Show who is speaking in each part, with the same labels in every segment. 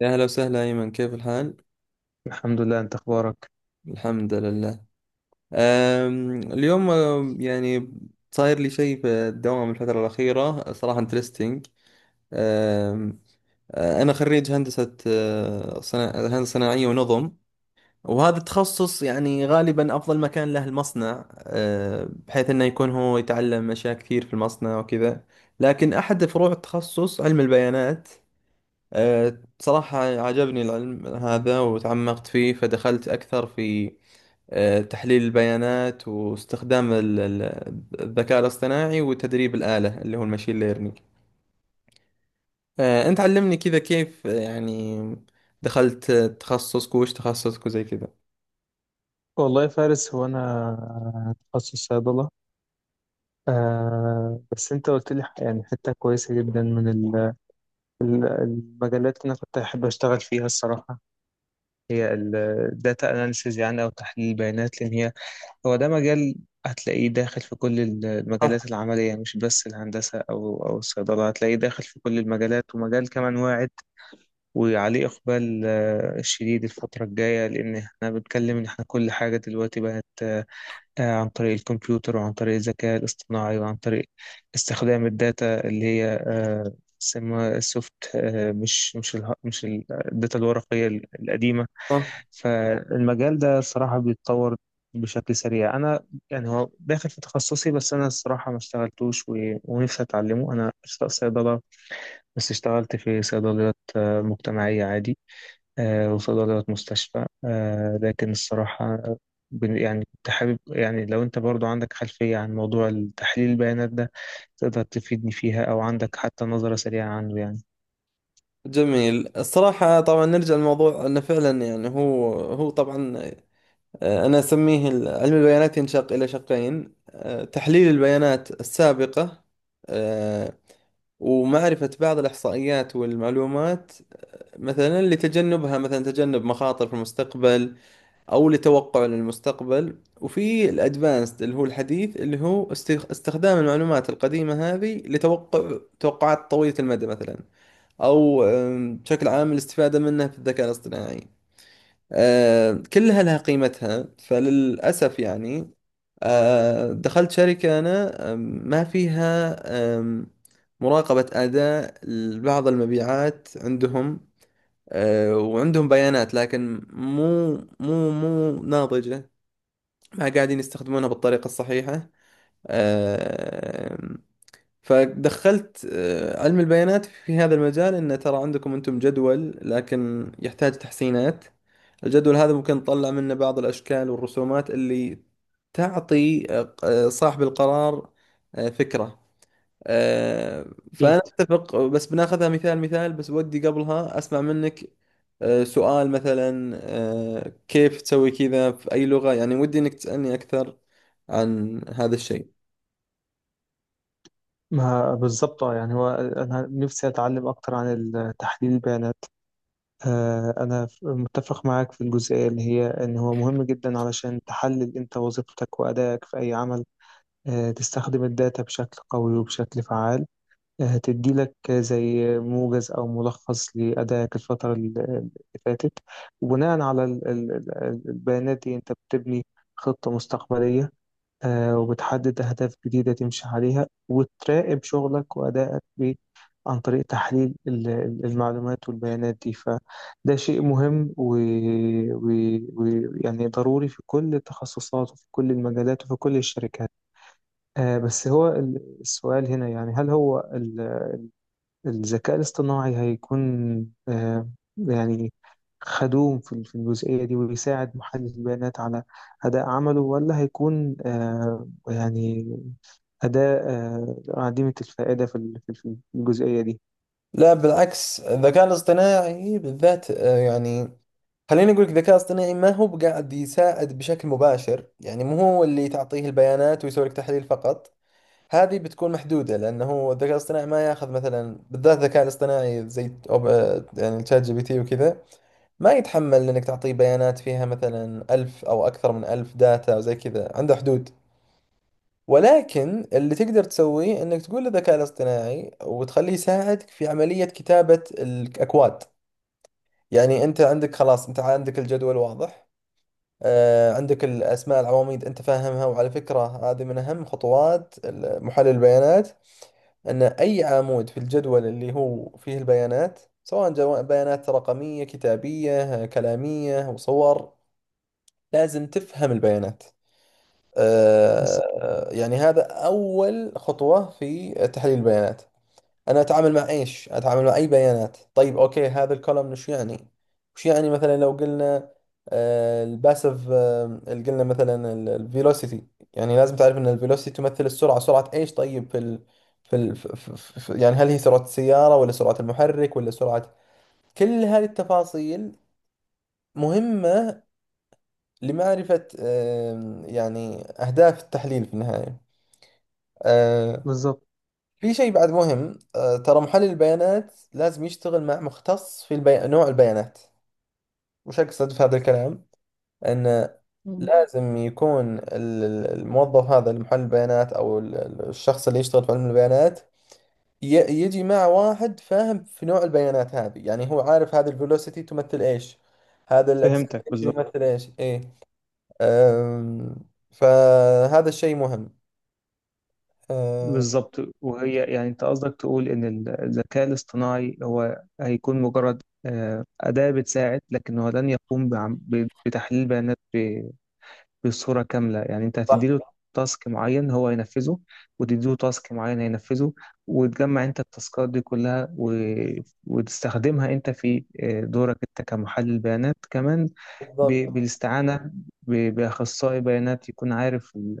Speaker 1: يا أهلا وسهلا أيمن، كيف الحال؟
Speaker 2: الحمد لله، انت اخبارك؟
Speaker 1: الحمد لله. اليوم يعني صاير لي شيء في الدوام الفترة الأخيرة، صراحة انترستنج. أم أنا خريج هندسة، هندسة صناعية ونظم، وهذا التخصص يعني غالبا أفضل مكان له المصنع، بحيث أنه يكون هو يتعلم أشياء كثير في المصنع وكذا. لكن أحد فروع التخصص علم البيانات. بصراحة عجبني العلم هذا وتعمقت فيه، فدخلت أكثر في تحليل البيانات واستخدام الذكاء الاصطناعي وتدريب الآلة اللي هو الماشين ليرنينج. أنت علمني كذا، كيف، يعني دخلت تخصصك، وش تخصصك، وزي كذا.
Speaker 2: والله يا فارس هو انا تخصص صيدله. بس انت قلت لي يعني حته كويسه جدا من المجالات اللي انا كنت احب اشتغل فيها الصراحه هي الداتا اناليسيز يعني او تحليل البيانات، لان هو ده مجال هتلاقيه داخل في كل
Speaker 1: آه،
Speaker 2: المجالات العمليه، مش بس الهندسه او الصيدله، هتلاقيه داخل في كل المجالات، ومجال كمان واعد وعليه اقبال شديد الفتره الجايه، لان احنا بنتكلم ان احنا كل حاجه دلوقتي بقت عن طريق الكمبيوتر وعن طريق الذكاء الاصطناعي وعن طريق استخدام الداتا اللي هي اسمها السوفت، آه، مش مش ال مش ال- الداتا الورقية القديمة.
Speaker 1: آه.
Speaker 2: فالمجال ده الصراحة بيتطور بشكل سريع. أنا يعني هو داخل في تخصصي بس أنا الصراحة ما اشتغلتوش ونفسي أتعلمه. أنا أشتغل صيدلة بس اشتغلت في صيدليات مجتمعية عادي، وصيدلية مستشفى. لكن الصراحة يعني كنت حابب يعني لو أنت برضو عندك خلفية عن موضوع تحليل البيانات ده، تقدر تفيدني فيها أو عندك حتى نظرة سريعة عنه يعني.
Speaker 1: جميل. الصراحة طبعا نرجع للموضوع، أنه فعلا يعني هو طبعا، أنا أسميه علم البيانات ينشق إلى شقين: تحليل البيانات السابقة آه، ومعرفة بعض الإحصائيات والمعلومات، مثلا لتجنبها، مثلا تجنب مخاطر في المستقبل، أو لتوقع للمستقبل، وفي الأدفانسد اللي هو الحديث اللي هو استخدام المعلومات القديمة هذه لتوقع توقعات طويلة المدى مثلا، أو بشكل عام الاستفادة منه في الذكاء الاصطناعي. كلها لها قيمتها. فللأسف يعني، دخلت شركة أنا، ما فيها، آم، مراقبة أداء بعض المبيعات عندهم. وعندهم بيانات لكن مو ناضجة، ما قاعدين يستخدمونها بالطريقة الصحيحة. آه، فدخلت علم البيانات في هذا المجال، انه ترى عندكم انتم جدول لكن يحتاج تحسينات. الجدول هذا ممكن نطلع منه بعض الاشكال والرسومات اللي تعطي صاحب القرار فكرة. آه،
Speaker 2: أكيد.
Speaker 1: فأنا أتفق، بس بناخذها مثال مثال بس، ودي قبلها أسمع منك سؤال، مثلا كيف تسوي كذا في أي لغة، يعني ودي إنك تسألني أكثر عن هذا الشيء.
Speaker 2: ما بالظبط، يعني هو أنا نفسي أتعلم أكتر عن تحليل البيانات. أنا متفق معاك في الجزئية اللي هي إن هو مهم جدا علشان تحلل أنت وظيفتك وأدائك في أي عمل. تستخدم الداتا بشكل قوي وبشكل فعال، هتدي لك زي موجز أو ملخص لأدائك الفترة اللي فاتت. وبناء على البيانات دي أنت بتبني خطة مستقبلية، وبتحدد أهداف جديدة تمشي عليها وتراقب شغلك وأدائك عن طريق تحليل المعلومات والبيانات دي. فده شيء مهم ويعني يعني ضروري في كل التخصصات وفي كل المجالات وفي كل الشركات. بس هو السؤال هنا يعني هل هو الذكاء الاصطناعي هيكون، آه، يعني، خدوم في في الجزئية دي ويساعد محلل البيانات على أداء عمله؟ ولا هيكون يعني أداة عديمة الفائدة في في الجزئية دي؟
Speaker 1: لا، بالعكس، الذكاء الاصطناعي بالذات، يعني خليني أقول لك، الذكاء الاصطناعي ما هو بقاعد يساعد بشكل مباشر، يعني مو هو اللي تعطيه البيانات ويسوي لك تحليل فقط. هذه بتكون محدودة، لأنه الذكاء الاصطناعي ما ياخذ، مثلا بالذات الذكاء الاصطناعي زي يعني تشات جي بي تي وكذا، ما يتحمل إنك تعطيه بيانات فيها مثلا ألف أو أكثر من ألف داتا وزي كذا، عنده حدود. ولكن اللي تقدر تسويه انك تقول للذكاء الاصطناعي وتخليه يساعدك في عملية كتابة الاكواد. يعني انت عندك، خلاص انت عندك الجدول واضح، آه عندك الاسماء، العواميد انت فاهمها. وعلى فكرة هذه من اهم خطوات محلل البيانات، ان اي عمود في الجدول اللي هو فيه البيانات سواء بيانات رقمية، كتابية، كلامية، وصور، لازم تفهم البيانات.
Speaker 2: بس-
Speaker 1: يعني هذا أول خطوة في تحليل البيانات. أنا أتعامل مع إيش؟ أتعامل مع أي بيانات؟ طيب أوكي، هذا الكولمن وش يعني؟ وش يعني؟ مثلا لو قلنا الباسف، اللي قلنا مثلا الفيلوسيتي، يعني لازم تعرف أن الفيلوسيتي تمثل السرعة. سرعة إيش؟ طيب في ال... في ال... في في في يعني هل هي سرعة السيارة ولا سرعة المحرك ولا سرعة؟ كل هذه التفاصيل مهمة لمعرفة يعني أهداف التحليل في النهاية. آه،
Speaker 2: بالظبط.
Speaker 1: في شيء بعد مهم، ترى محلل البيانات لازم يشتغل مع مختص في نوع البيانات. وش أقصد في هذا الكلام؟ أن
Speaker 2: مم.
Speaker 1: لازم يكون الموظف هذا المحلل البيانات أو الشخص اللي يشتغل في علم البيانات ي- يجي مع واحد فاهم في نوع البيانات هذه، يعني هو عارف هذا الفيلوسيتي تمثل إيش، هذا
Speaker 2: فهمتك.
Speaker 1: الأكسلريشن
Speaker 2: بالظبط.
Speaker 1: يمثل إيش، إيه. أم، فهذا الشيء مهم. أه،
Speaker 2: بالظبط، وهي يعني انت قصدك تقول ان الذكاء الاصطناعي هو هيكون مجرد أداة بتساعد، لكن هو لن يقوم بتحليل بيانات بصورة كاملة. يعني انت هتديله
Speaker 1: صح.
Speaker 2: تاسك معين هو هينفذه، وتديله تاسك معين هينفذه، وتجمع انت التاسكات دي كلها وتستخدمها انت في دورك انت كمحلل بيانات كمان،
Speaker 1: بالضبط.
Speaker 2: بالاستعانة بأخصائي بيانات يكون عارف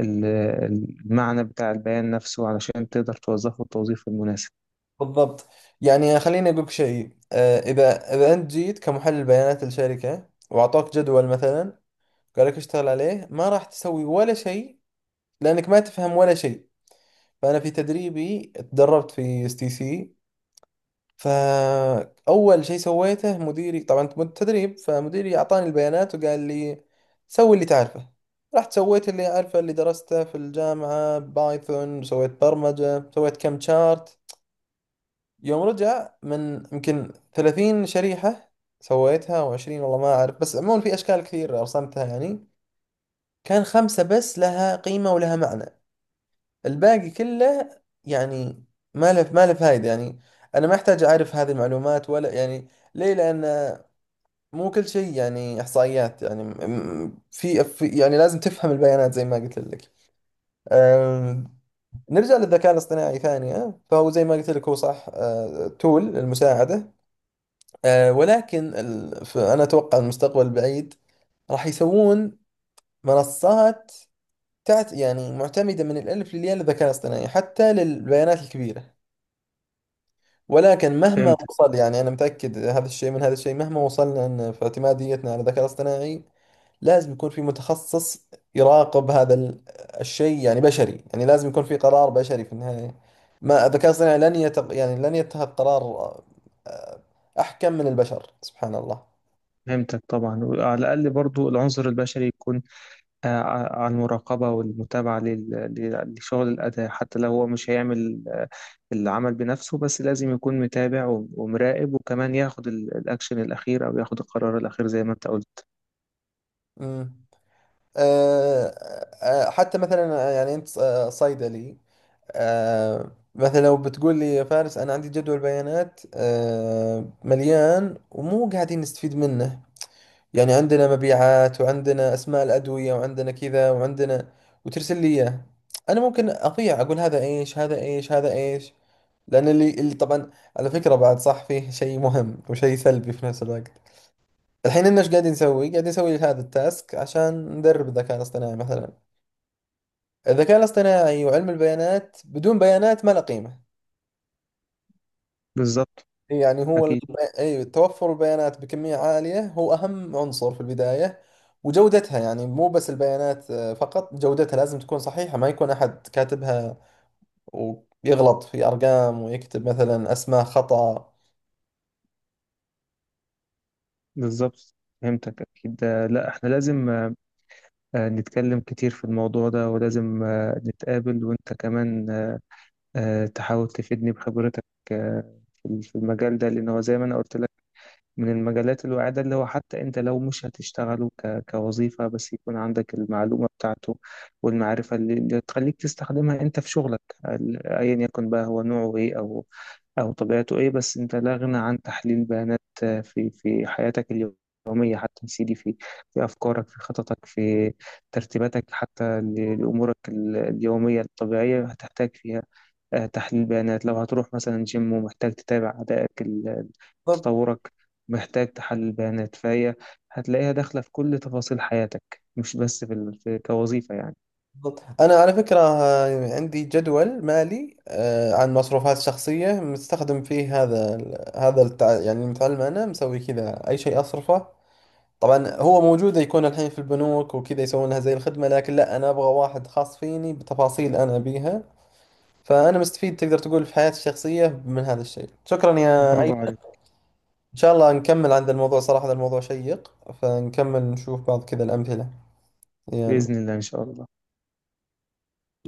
Speaker 2: ال... المعنى بتاع البيان نفسه علشان تقدر توظفه التوظيف المناسب.
Speaker 1: بالضبط، يعني خليني أقولك شيء، إذا أنت جيت كمحلل بيانات لشركة وأعطوك جدول مثلا، قال لك اشتغل عليه، ما راح تسوي ولا شيء، لأنك ما تفهم ولا شيء. فأنا في تدريبي تدربت في اس تي سي، فأول شيء سويته، مديري طبعا، تدريب، فمديري أعطاني البيانات وقال لي سوي اللي تعرفه. رحت سويت اللي أعرفه، اللي درسته في الجامعة، بايثون، سويت برمجة، سويت كم شارت. يوم رجع، من يمكن 30 شريحة سويتها او 20، والله ما اعرف، بس عموما في اشكال كثير رسمتها، يعني كان خمسة بس لها قيمة ولها معنى، الباقي كله يعني ما له ما له فايدة، يعني انا ما احتاج اعرف هذه المعلومات ولا، يعني ليه؟ لان مو كل شيء يعني احصائيات، يعني يعني لازم تفهم البيانات زي ما قلت لك. أم، نرجع للذكاء الاصطناعي ثانية، فهو زي ما قلت لك، هو صح تول للمساعدة، ولكن فأنا أتوقع المستقبل البعيد راح يسوون منصات تعت، يعني معتمدة من الألف للياء للذكاء الاصطناعي حتى للبيانات الكبيرة. ولكن مهما
Speaker 2: فهمتك.
Speaker 1: وصل، يعني أنا متأكد هذا الشيء، من هذا الشيء، مهما وصلنا أن في اعتماديتنا على الذكاء الاصطناعي لازم يكون في متخصص يراقب هذا الشيء، يعني بشري، يعني لازم يكون في قرار بشري في النهاية. ما الذكاء الاصطناعي لن يعني لن يتخذ قرار آه، أحكم من البشر، سبحان الله.
Speaker 2: فهمتك. طبعا وعلى الأقل برضو العنصر البشري يكون، عن المراقبة والمتابعة لشغل الأداء. حتى لو هو مش هيعمل العمل بنفسه، بس لازم يكون متابع ومراقب، وكمان ياخد الأكشن الأخير أو ياخد القرار الأخير زي ما أنت قلت.
Speaker 1: مم. آه، حتى مثلا، يعني انت صيدلي، مثلا لو بتقول لي يا فارس، انا عندي جدول بيانات مليان ومو قاعدين نستفيد منه، يعني عندنا مبيعات وعندنا اسماء الادويه وعندنا كذا وعندنا، وترسل لي اياه، انا ممكن اضيع، اقول هذا ايش، هذا ايش، هذا ايش، لان اللي طبعا على فكره بعد، صح، فيه شيء مهم وشيء سلبي في نفس الوقت الحين، إن ايش قاعدين نسوي؟ قاعدين نسوي هذا التاسك عشان ندرب الذكاء الاصطناعي مثلا. الذكاء الاصطناعي وعلم البيانات بدون بيانات ما له قيمة.
Speaker 2: بالظبط.
Speaker 1: يعني هو
Speaker 2: أكيد.
Speaker 1: أي توفر البيانات بكمية عالية هو أهم عنصر في البداية. وجودتها، يعني مو بس البيانات فقط، جودتها لازم تكون صحيحة، ما يكون أحد كاتبها ويغلط في أرقام ويكتب مثلا أسماء خطأ.
Speaker 2: بالظبط. فهمتك. أكيد. لا، إحنا لازم نتكلم كتير في الموضوع ده، ولازم نتقابل وأنت كمان تحاول تفيدني بخبرتك آه، في في المجال ده، لأن هو زي ما أنا قلت لك من المجالات الواعدة، اللي هو حتى انت لو مش هتشتغله كوظيفة، بس يكون عندك المعلومة بتاعته والمعرفة اللي تخليك تستخدمها انت في شغلك، ايا يكن بقى هو نوعه ايه او طبيعته ايه. بس انت لا غنى عن تحليل بيانات في في حياتك اليومية حتى يا سيدي، في في افكارك، في خططك، في ترتيباتك، حتى لامورك اليومية الطبيعية هتحتاج فيها تحليل بيانات. لو هتروح مثلا جيم ومحتاج تتابع أدائك
Speaker 1: بالضبط.
Speaker 2: تطورك، محتاج تحلل بيانات. فهي هتلاقيها داخلة في كل تفاصيل حياتك، مش بس في كوظيفة يعني.
Speaker 1: بالضبط. أنا على فكرة عندي جدول مالي عن مصروفات شخصية مستخدم فيه هذا يعني المتعلم، أنا مسوي كذا أي شيء أصرفه. طبعا هو موجودة يكون الحين في البنوك وكذا يسوون لها زي الخدمة، لكن لا، أنا أبغى واحد خاص فيني بتفاصيل أنا أبيها. فأنا مستفيد تقدر تقول في حياتي الشخصية من هذا الشيء. شكرا يا
Speaker 2: برافو
Speaker 1: أيمن.
Speaker 2: عليك.
Speaker 1: إن شاء الله نكمل عن ذا الموضوع، صراحة هذا الموضوع شيق، فنكمل نشوف بعض كذا الأمثلة. يلا.
Speaker 2: بإذن الله، إن شاء الله.